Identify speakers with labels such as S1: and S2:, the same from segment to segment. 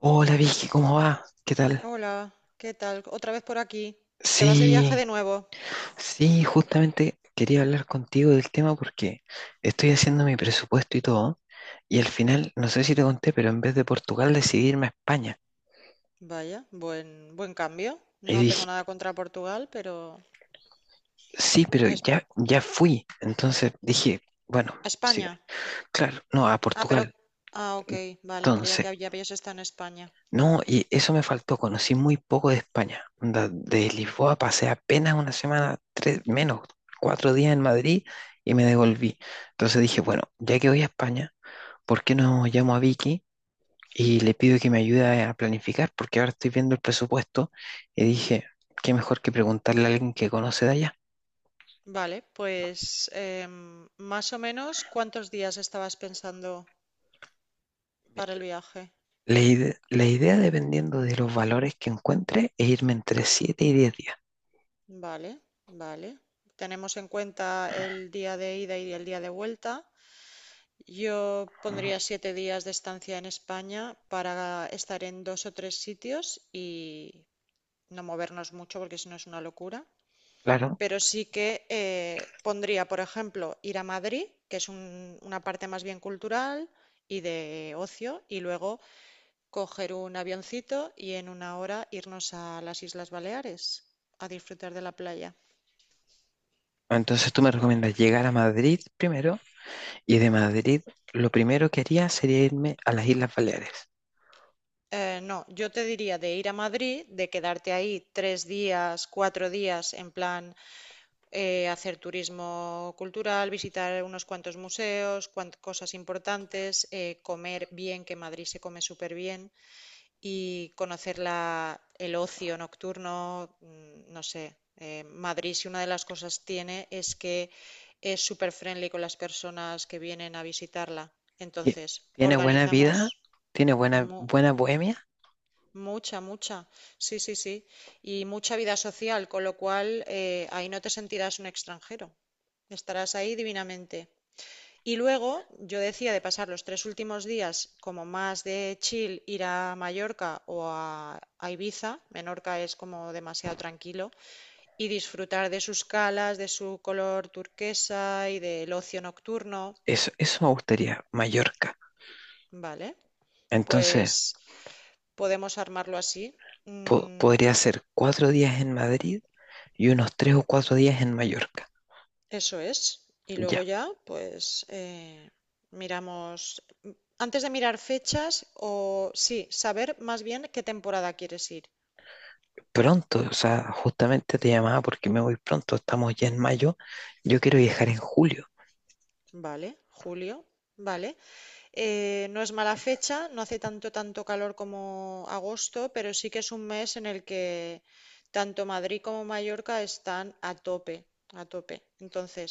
S1: Hola Vicky, ¿cómo va? ¿Qué tal?
S2: Hola, ¿qué tal? Otra vez por aquí. ¿Te vas de viaje
S1: Sí,
S2: de nuevo?
S1: sí, justamente quería hablar contigo del tema porque estoy haciendo mi presupuesto y todo, y al final, no sé si te conté, pero en vez de Portugal decidí irme a España.
S2: Vaya, buen cambio.
S1: Y
S2: No tengo
S1: dije,
S2: nada contra Portugal, pero...
S1: sí, pero
S2: Esp-
S1: ya fui. Entonces dije, bueno, sí,
S2: España.
S1: claro, no, a
S2: Ah, pero...
S1: Portugal.
S2: Ah, ok, vale, creía
S1: Entonces.
S2: que ya habías estado en España.
S1: No, y eso me faltó, conocí muy poco de España. Onda, de Lisboa pasé apenas una semana, tres, menos, 4 días en Madrid y me devolví. Entonces dije, bueno, ya que voy a España, ¿por qué no llamo a Vicky y le pido que me ayude a planificar? Porque ahora estoy viendo el presupuesto y dije, qué mejor que preguntarle a alguien que conoce de allá.
S2: Vale, pues más o menos, ¿cuántos días estabas pensando para el viaje?
S1: La idea, dependiendo de los valores que encuentre, es irme entre 7 y 10 días.
S2: Vale, vale. Tenemos en cuenta el día de ida y el día de vuelta. Yo
S1: Mm.
S2: pondría 7 días de estancia en España para estar en dos o tres sitios y no movernos mucho porque si no es una locura.
S1: Claro.
S2: Pero sí que pondría, por ejemplo, ir a Madrid, que es una parte más bien cultural y de ocio, y luego coger un avioncito y en una hora irnos a las Islas Baleares a disfrutar de la playa.
S1: Entonces tú me recomiendas llegar a Madrid primero. Y de Madrid, lo primero que haría sería irme a las Islas Baleares.
S2: No, yo te diría de ir a Madrid, de quedarte ahí 3 días, 4 días en plan hacer turismo cultural, visitar unos cuantos museos, cosas importantes, comer bien, que en Madrid se come súper bien, y conocer el ocio nocturno, no sé. Madrid, si una de las cosas tiene es que es súper friendly con las personas que vienen a visitarla.
S1: Ti-
S2: Entonces,
S1: Tiene buena
S2: organizamos
S1: vida, tiene buena,
S2: mu-
S1: buena bohemia.
S2: mucha, mucha, sí, sí, sí, y mucha vida social, con lo cual ahí no te sentirás un extranjero. Estarás ahí divinamente. Y luego yo decía de pasar los 3 últimos días como más de chill, ir a Mallorca o a Ibiza. Menorca es como demasiado tranquilo, y disfrutar de sus calas, de su color turquesa y del ocio nocturno,
S1: Eso me gustaría, Mallorca.
S2: ¿vale?
S1: Entonces,
S2: Pues podemos armarlo así. Mm.
S1: podría ser 4 días en Madrid y unos 3 o 4 días en Mallorca.
S2: Eso es. Y luego
S1: Ya,
S2: ya, pues miramos, antes de mirar fechas, o sí, saber más bien qué temporada quieres ir.
S1: pronto, o sea, justamente te llamaba porque me voy pronto. Estamos ya en mayo. Yo quiero viajar en julio.
S2: Vale, julio, vale. No es mala fecha, no hace tanto, tanto calor como agosto, pero sí que es un mes en el que tanto Madrid como Mallorca están a tope, a tope. Entonces,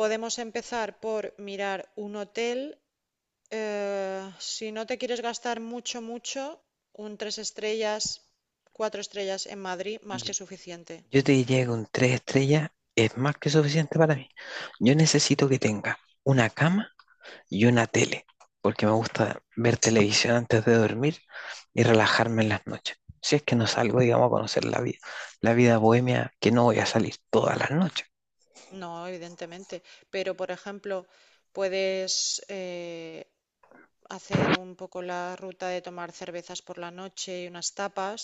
S2: podemos empezar por mirar un hotel. Si no te quieres gastar mucho, mucho, un tres estrellas, cuatro estrellas en Madrid, más
S1: Y-
S2: que suficiente.
S1: Yo te diría que con 3 estrellas es más que suficiente para mí. Yo necesito que tenga una cama y una tele, porque me
S2: Mm.
S1: gusta ver televisión antes de dormir y relajarme en las noches. Si es que no salgo, digamos, a conocer la vida bohemia, que no voy a salir todas las noches.
S2: No, evidentemente. Pero, por ejemplo, puedes hacer un poco la ruta de tomar cervezas por la noche y unas tapas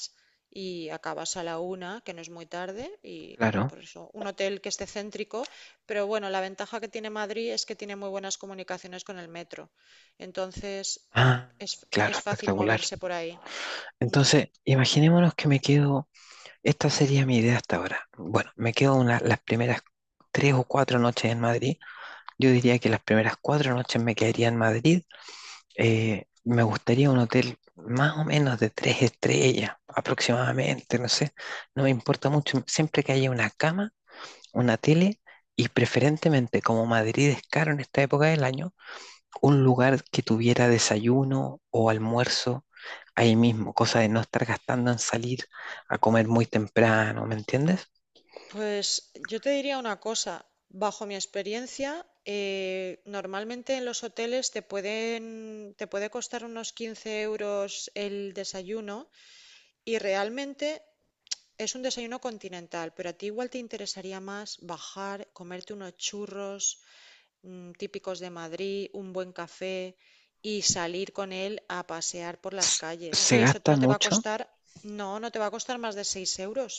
S2: y acabas a la una, que no es muy tarde, y
S1: Claro.
S2: por eso un hotel que esté céntrico, pero bueno, la ventaja que tiene Madrid es que tiene muy buenas comunicaciones con el metro, entonces
S1: Ah,
S2: es,
S1: claro,
S2: es fácil
S1: espectacular.
S2: moverse por ahí. Mm.
S1: Entonces, imaginémonos que me quedo, esta sería mi idea hasta ahora. Bueno, me quedo una, las primeras 3 o 4 noches en Madrid. Yo diría que las primeras 4 noches me quedaría en Madrid. Me gustaría un hotel más o menos de 3 estrellas, aproximadamente, no sé. No me importa mucho. Siempre que haya una cama, una tele y preferentemente, como Madrid es caro en esta época del año, un lugar que tuviera desayuno o almuerzo ahí mismo, cosa de no estar gastando en salir a comer muy temprano, ¿me entiendes?
S2: Pues yo te diría una cosa, bajo mi experiencia, normalmente en los hoteles te puede costar unos 15 euros el desayuno. Y realmente es un desayuno continental, pero a ti igual te interesaría más bajar, comerte unos churros típicos de Madrid, un buen café y salir con él a pasear por las
S1: S-
S2: calles.
S1: Se
S2: Y eso
S1: gasta
S2: no te va a
S1: mucho.
S2: costar, no, no te va a costar más de 6 euros.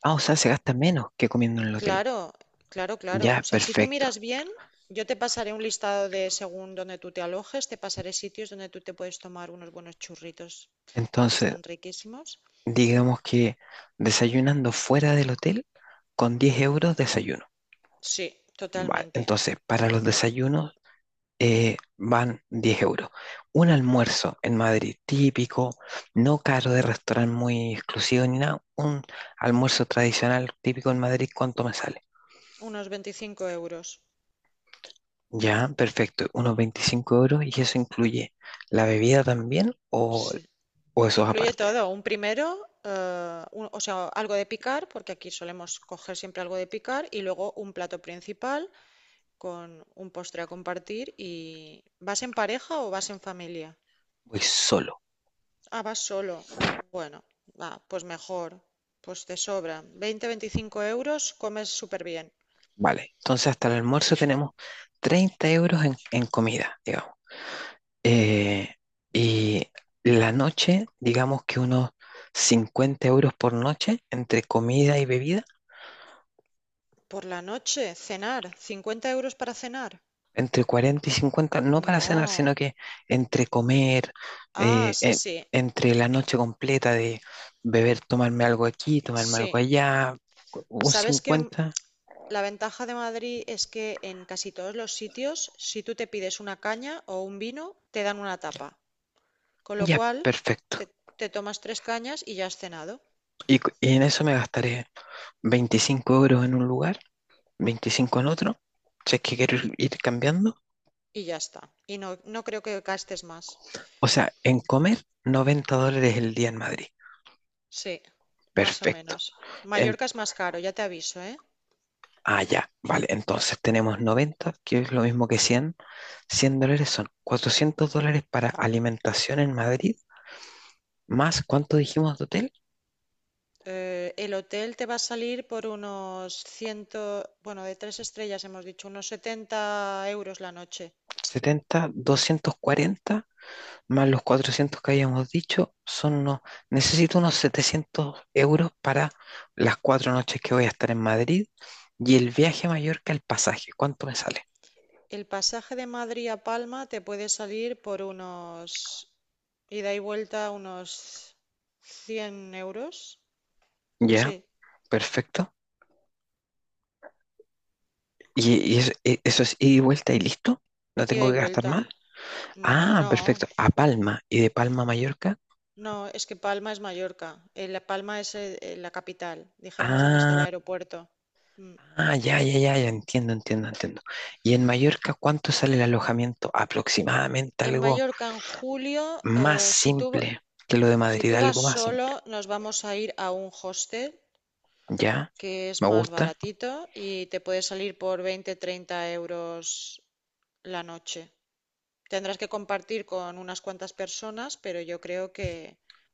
S1: Ah, o sea, se gasta menos que comiendo en el hotel.
S2: Claro, claro, claro.
S1: Ya,
S2: O sea, si tú
S1: perfecto.
S2: miras bien, yo te pasaré un listado de según donde tú te alojes, te pasaré sitios donde tú te puedes tomar unos buenos churritos que
S1: Entonces,
S2: están riquísimos.
S1: digamos que desayunando fuera del hotel, con 10 euros desayuno.
S2: Sí,
S1: Vale,
S2: totalmente.
S1: entonces, para los desayunos van 10 euros. Un almuerzo en Madrid típico, no caro de restaurante muy exclusivo ni nada. Un almuerzo tradicional típico en Madrid, ¿cuánto me sale?
S2: Unos 25 euros.
S1: Ya, perfecto, unos 25 euros y eso incluye la bebida también
S2: Sí.
S1: o eso es
S2: Incluye
S1: aparte.
S2: todo, un primero, o sea, algo de picar, porque aquí solemos coger siempre algo de picar, y luego un plato principal con un postre a compartir. Y ¿vas en pareja o vas en familia?
S1: Voy solo.
S2: Ah, vas solo. Bueno, ah, pues mejor, pues te sobra. 20-25 euros, comes súper bien.
S1: Vale, entonces hasta el almuerzo tenemos 30 euros en comida, digamos. Eh, y la noche, digamos que unos 50 euros por noche entre comida y bebida,
S2: Por la noche, cenar, 50 euros para cenar.
S1: entre 40 y 50 no para cenar, sino
S2: No.
S1: que entre comer,
S2: Ah,
S1: eh,
S2: sí,
S1: en-
S2: sí,
S1: entre la noche completa de beber, tomarme algo aquí, tomarme algo
S2: sí.
S1: allá, un
S2: ¿Sabes qué?
S1: 50.
S2: La ventaja de Madrid es que en casi todos los sitios, si tú te pides una caña o un vino, te dan una tapa. Con lo
S1: Ya
S2: cual,
S1: perfecto.
S2: te tomas tres cañas y ya has cenado.
S1: Y, y en eso me gastaré 25 euros en un lugar, 25 en otro, si es que quiero
S2: Y,
S1: ir cambiando.
S2: y ya está. Y no, no creo que gastes más.
S1: O sea, en comer, 90 dólares el día en Madrid.
S2: Sí, más o
S1: Perfecto.
S2: menos.
S1: En,
S2: Mallorca es más caro, ya te aviso, ¿eh?
S1: ah, ya, vale. Entonces tenemos 90, que es lo mismo que 100. 100 dólares son 400 dólares para alimentación en Madrid, más, ¿cuánto dijimos de hotel?
S2: El hotel te va a salir por unos 100, bueno, de tres estrellas hemos dicho, unos 70 euros la noche.
S1: 70, 240, más los 400 que habíamos dicho, son unos, necesito unos 700 euros para las 4 noches que voy a estar en Madrid y el viaje a Mallorca, el pasaje, ¿cuánto me sale?
S2: El pasaje de Madrid a Palma te puede salir por unos... Ida y vuelta unos 100 euros.
S1: Ya,
S2: Sí,
S1: perfecto. Y eso, eso es ida y vuelta y listo? ¿No
S2: ida
S1: tengo
S2: y
S1: que gastar
S2: vuelta.
S1: más? Ah,
S2: No,
S1: perfecto. A Palma. ¿Y de Palma a Mallorca?
S2: no, es que Palma es Mallorca. La Palma es la capital. Dijéramos dónde está el
S1: Ah,
S2: aeropuerto. Mm.
S1: ah, ya, ya, ya, ya. Entiendo, entiendo, entiendo. ¿Y en Mallorca cuánto sale el alojamiento? Aproximadamente
S2: En
S1: algo
S2: Mallorca en julio,
S1: más simple que lo de
S2: si
S1: Madrid,
S2: tú vas
S1: algo más
S2: solo,
S1: simple.
S2: nos vamos a ir a un hostel
S1: ¿Ya?
S2: que es
S1: ¿Me
S2: más
S1: gusta?
S2: baratito y te puede salir por 20-30 euros la noche. Tendrás que compartir con unas cuantas personas, pero yo creo que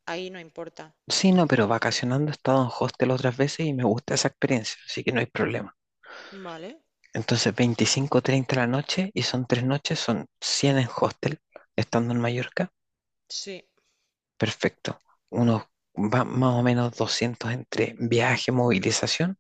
S2: ahí no importa.
S1: Sí, no, pero vacacionando he estado en hostel otras veces y me gusta esa experiencia, así que no hay problema.
S2: Vale,
S1: Entonces, 25 30 la noche y son 3 noches, son 100 en hostel, estando en Mallorca.
S2: sí.
S1: Perfecto. Unos más o menos 200 entre viaje, movilización.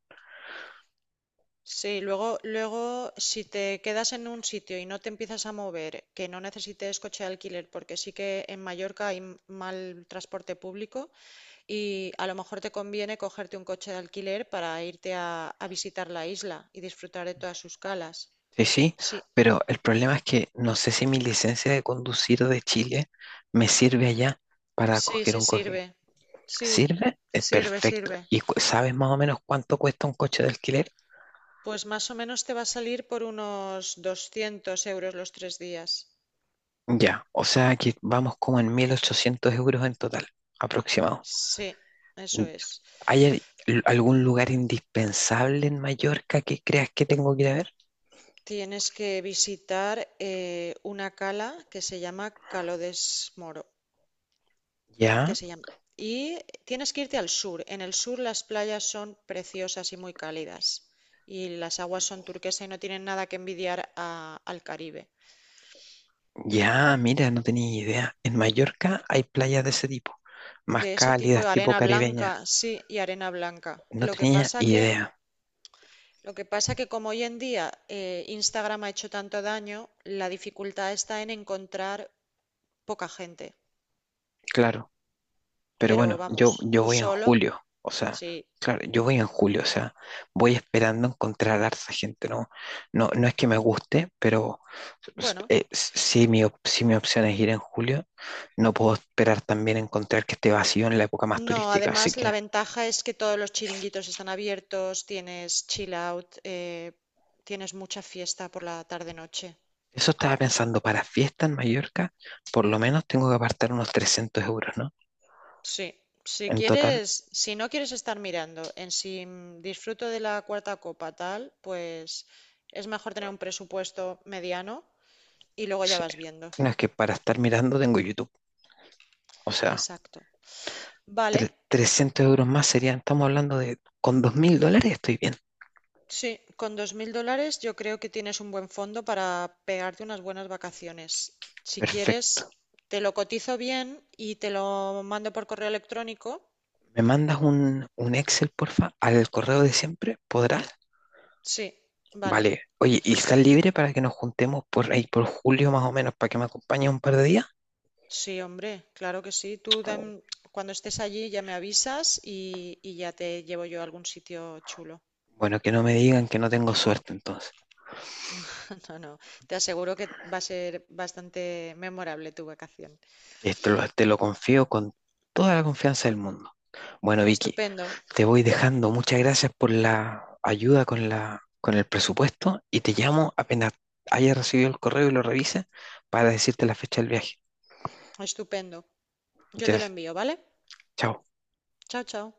S2: Sí, luego, luego, si te quedas en un sitio y no te empiezas a mover, que no necesites coche de alquiler, porque sí que en Mallorca hay mal transporte público y a lo mejor te conviene cogerte un coche de alquiler para irte a visitar la isla y disfrutar de todas sus calas.
S1: Sí, sí,
S2: Sí,
S1: pero el problema es que no sé si mi licencia de conducir de Chile me sirve allá para
S2: sí,
S1: coger
S2: sí
S1: un coche.
S2: sirve. Sí,
S1: ¿Sirve? Es
S2: sirve,
S1: perfecto.
S2: sirve.
S1: ¿Y sabes más o menos cuánto cuesta un coche de alquiler?
S2: Pues más o menos te va a salir por unos 200 euros los 3 días.
S1: Ya, o sea que vamos como en 1800 euros en total, aproximado.
S2: Sí, eso
S1: Mm.
S2: es.
S1: ¿Hay algún lugar indispensable en Mallorca que creas que tengo que ir a ver?
S2: Tienes que visitar una cala que se llama Calo Moro, que
S1: Ya.
S2: se llama. Y tienes que irte al sur. En el sur las playas son preciosas y muy cálidas. Y las aguas son turquesa y no tienen nada que envidiar al Caribe.
S1: Ya, mira, no tenía idea. En Mallorca hay playas de ese tipo, más
S2: De ese tipo
S1: cálidas,
S2: de
S1: tipo
S2: arena
S1: caribeña.
S2: blanca, sí, y arena blanca.
S1: No tenía idea,
S2: Lo que pasa que como hoy en día Instagram ha hecho tanto daño, la dificultad está en encontrar poca gente.
S1: claro. Pero
S2: Pero
S1: bueno,
S2: vamos,
S1: yo
S2: tú
S1: voy en
S2: solo,
S1: julio, o sea,
S2: sí.
S1: claro, yo voy en julio, o sea, voy esperando encontrar harta gente, ¿no? No, no es que me guste, pero
S2: Bueno,
S1: si mi opción es ir en julio, no puedo esperar también encontrar que esté vacío en la época más
S2: no,
S1: turística, así
S2: además la
S1: que…
S2: ventaja es que todos los chiringuitos están abiertos, tienes chill out, tienes mucha fiesta por la tarde-noche.
S1: Eso estaba
S2: Eso-
S1: pensando, para fiesta en Mallorca, por lo menos tengo que apartar unos 300 euros, ¿no?
S2: Sí, si
S1: En total,
S2: quieres, si no quieres estar mirando en si disfruto de la cuarta copa tal, pues es mejor tener un presupuesto mediano y luego ya
S1: sí.
S2: vas viendo.
S1: No es que para estar mirando tengo YouTube. O sea,
S2: Exacto. Vale,
S1: 300 euros más serían, estamos hablando de, con 2000 dólares estoy bien.
S2: sí, con $2000 yo creo que tienes un buen fondo para pegarte unas buenas vacaciones. Si quieres,
S1: Perfecto.
S2: te lo cotizo bien y te lo mando por correo electrónico.
S1: ¿Me mandas un Excel, porfa, al correo de siempre? ¿Podrás?
S2: Sí, vale.
S1: Vale. Oye, ¿y estás libre para que nos juntemos por ahí, por julio más o menos, para que me acompañes un par de días?
S2: Sí, hombre, claro que sí. Cuando estés allí ya me avisas y ya te llevo yo a algún sitio chulo.
S1: Bueno, que no me digan que no tengo suerte entonces.
S2: No, no, te aseguro que va a ser bastante memorable tu vacación.
S1: Esto lo- te lo confío con toda la confianza del mundo. Bueno, Vicky,
S2: Estupendo,
S1: te voy dejando. Muchas gracias por la ayuda con la, con el presupuesto y te llamo apenas haya recibido el correo y lo revise para decirte la fecha del viaje.
S2: estupendo. Yo te lo
S1: Entonces,
S2: envío, ¿vale?
S1: chao.
S2: Chao, chao.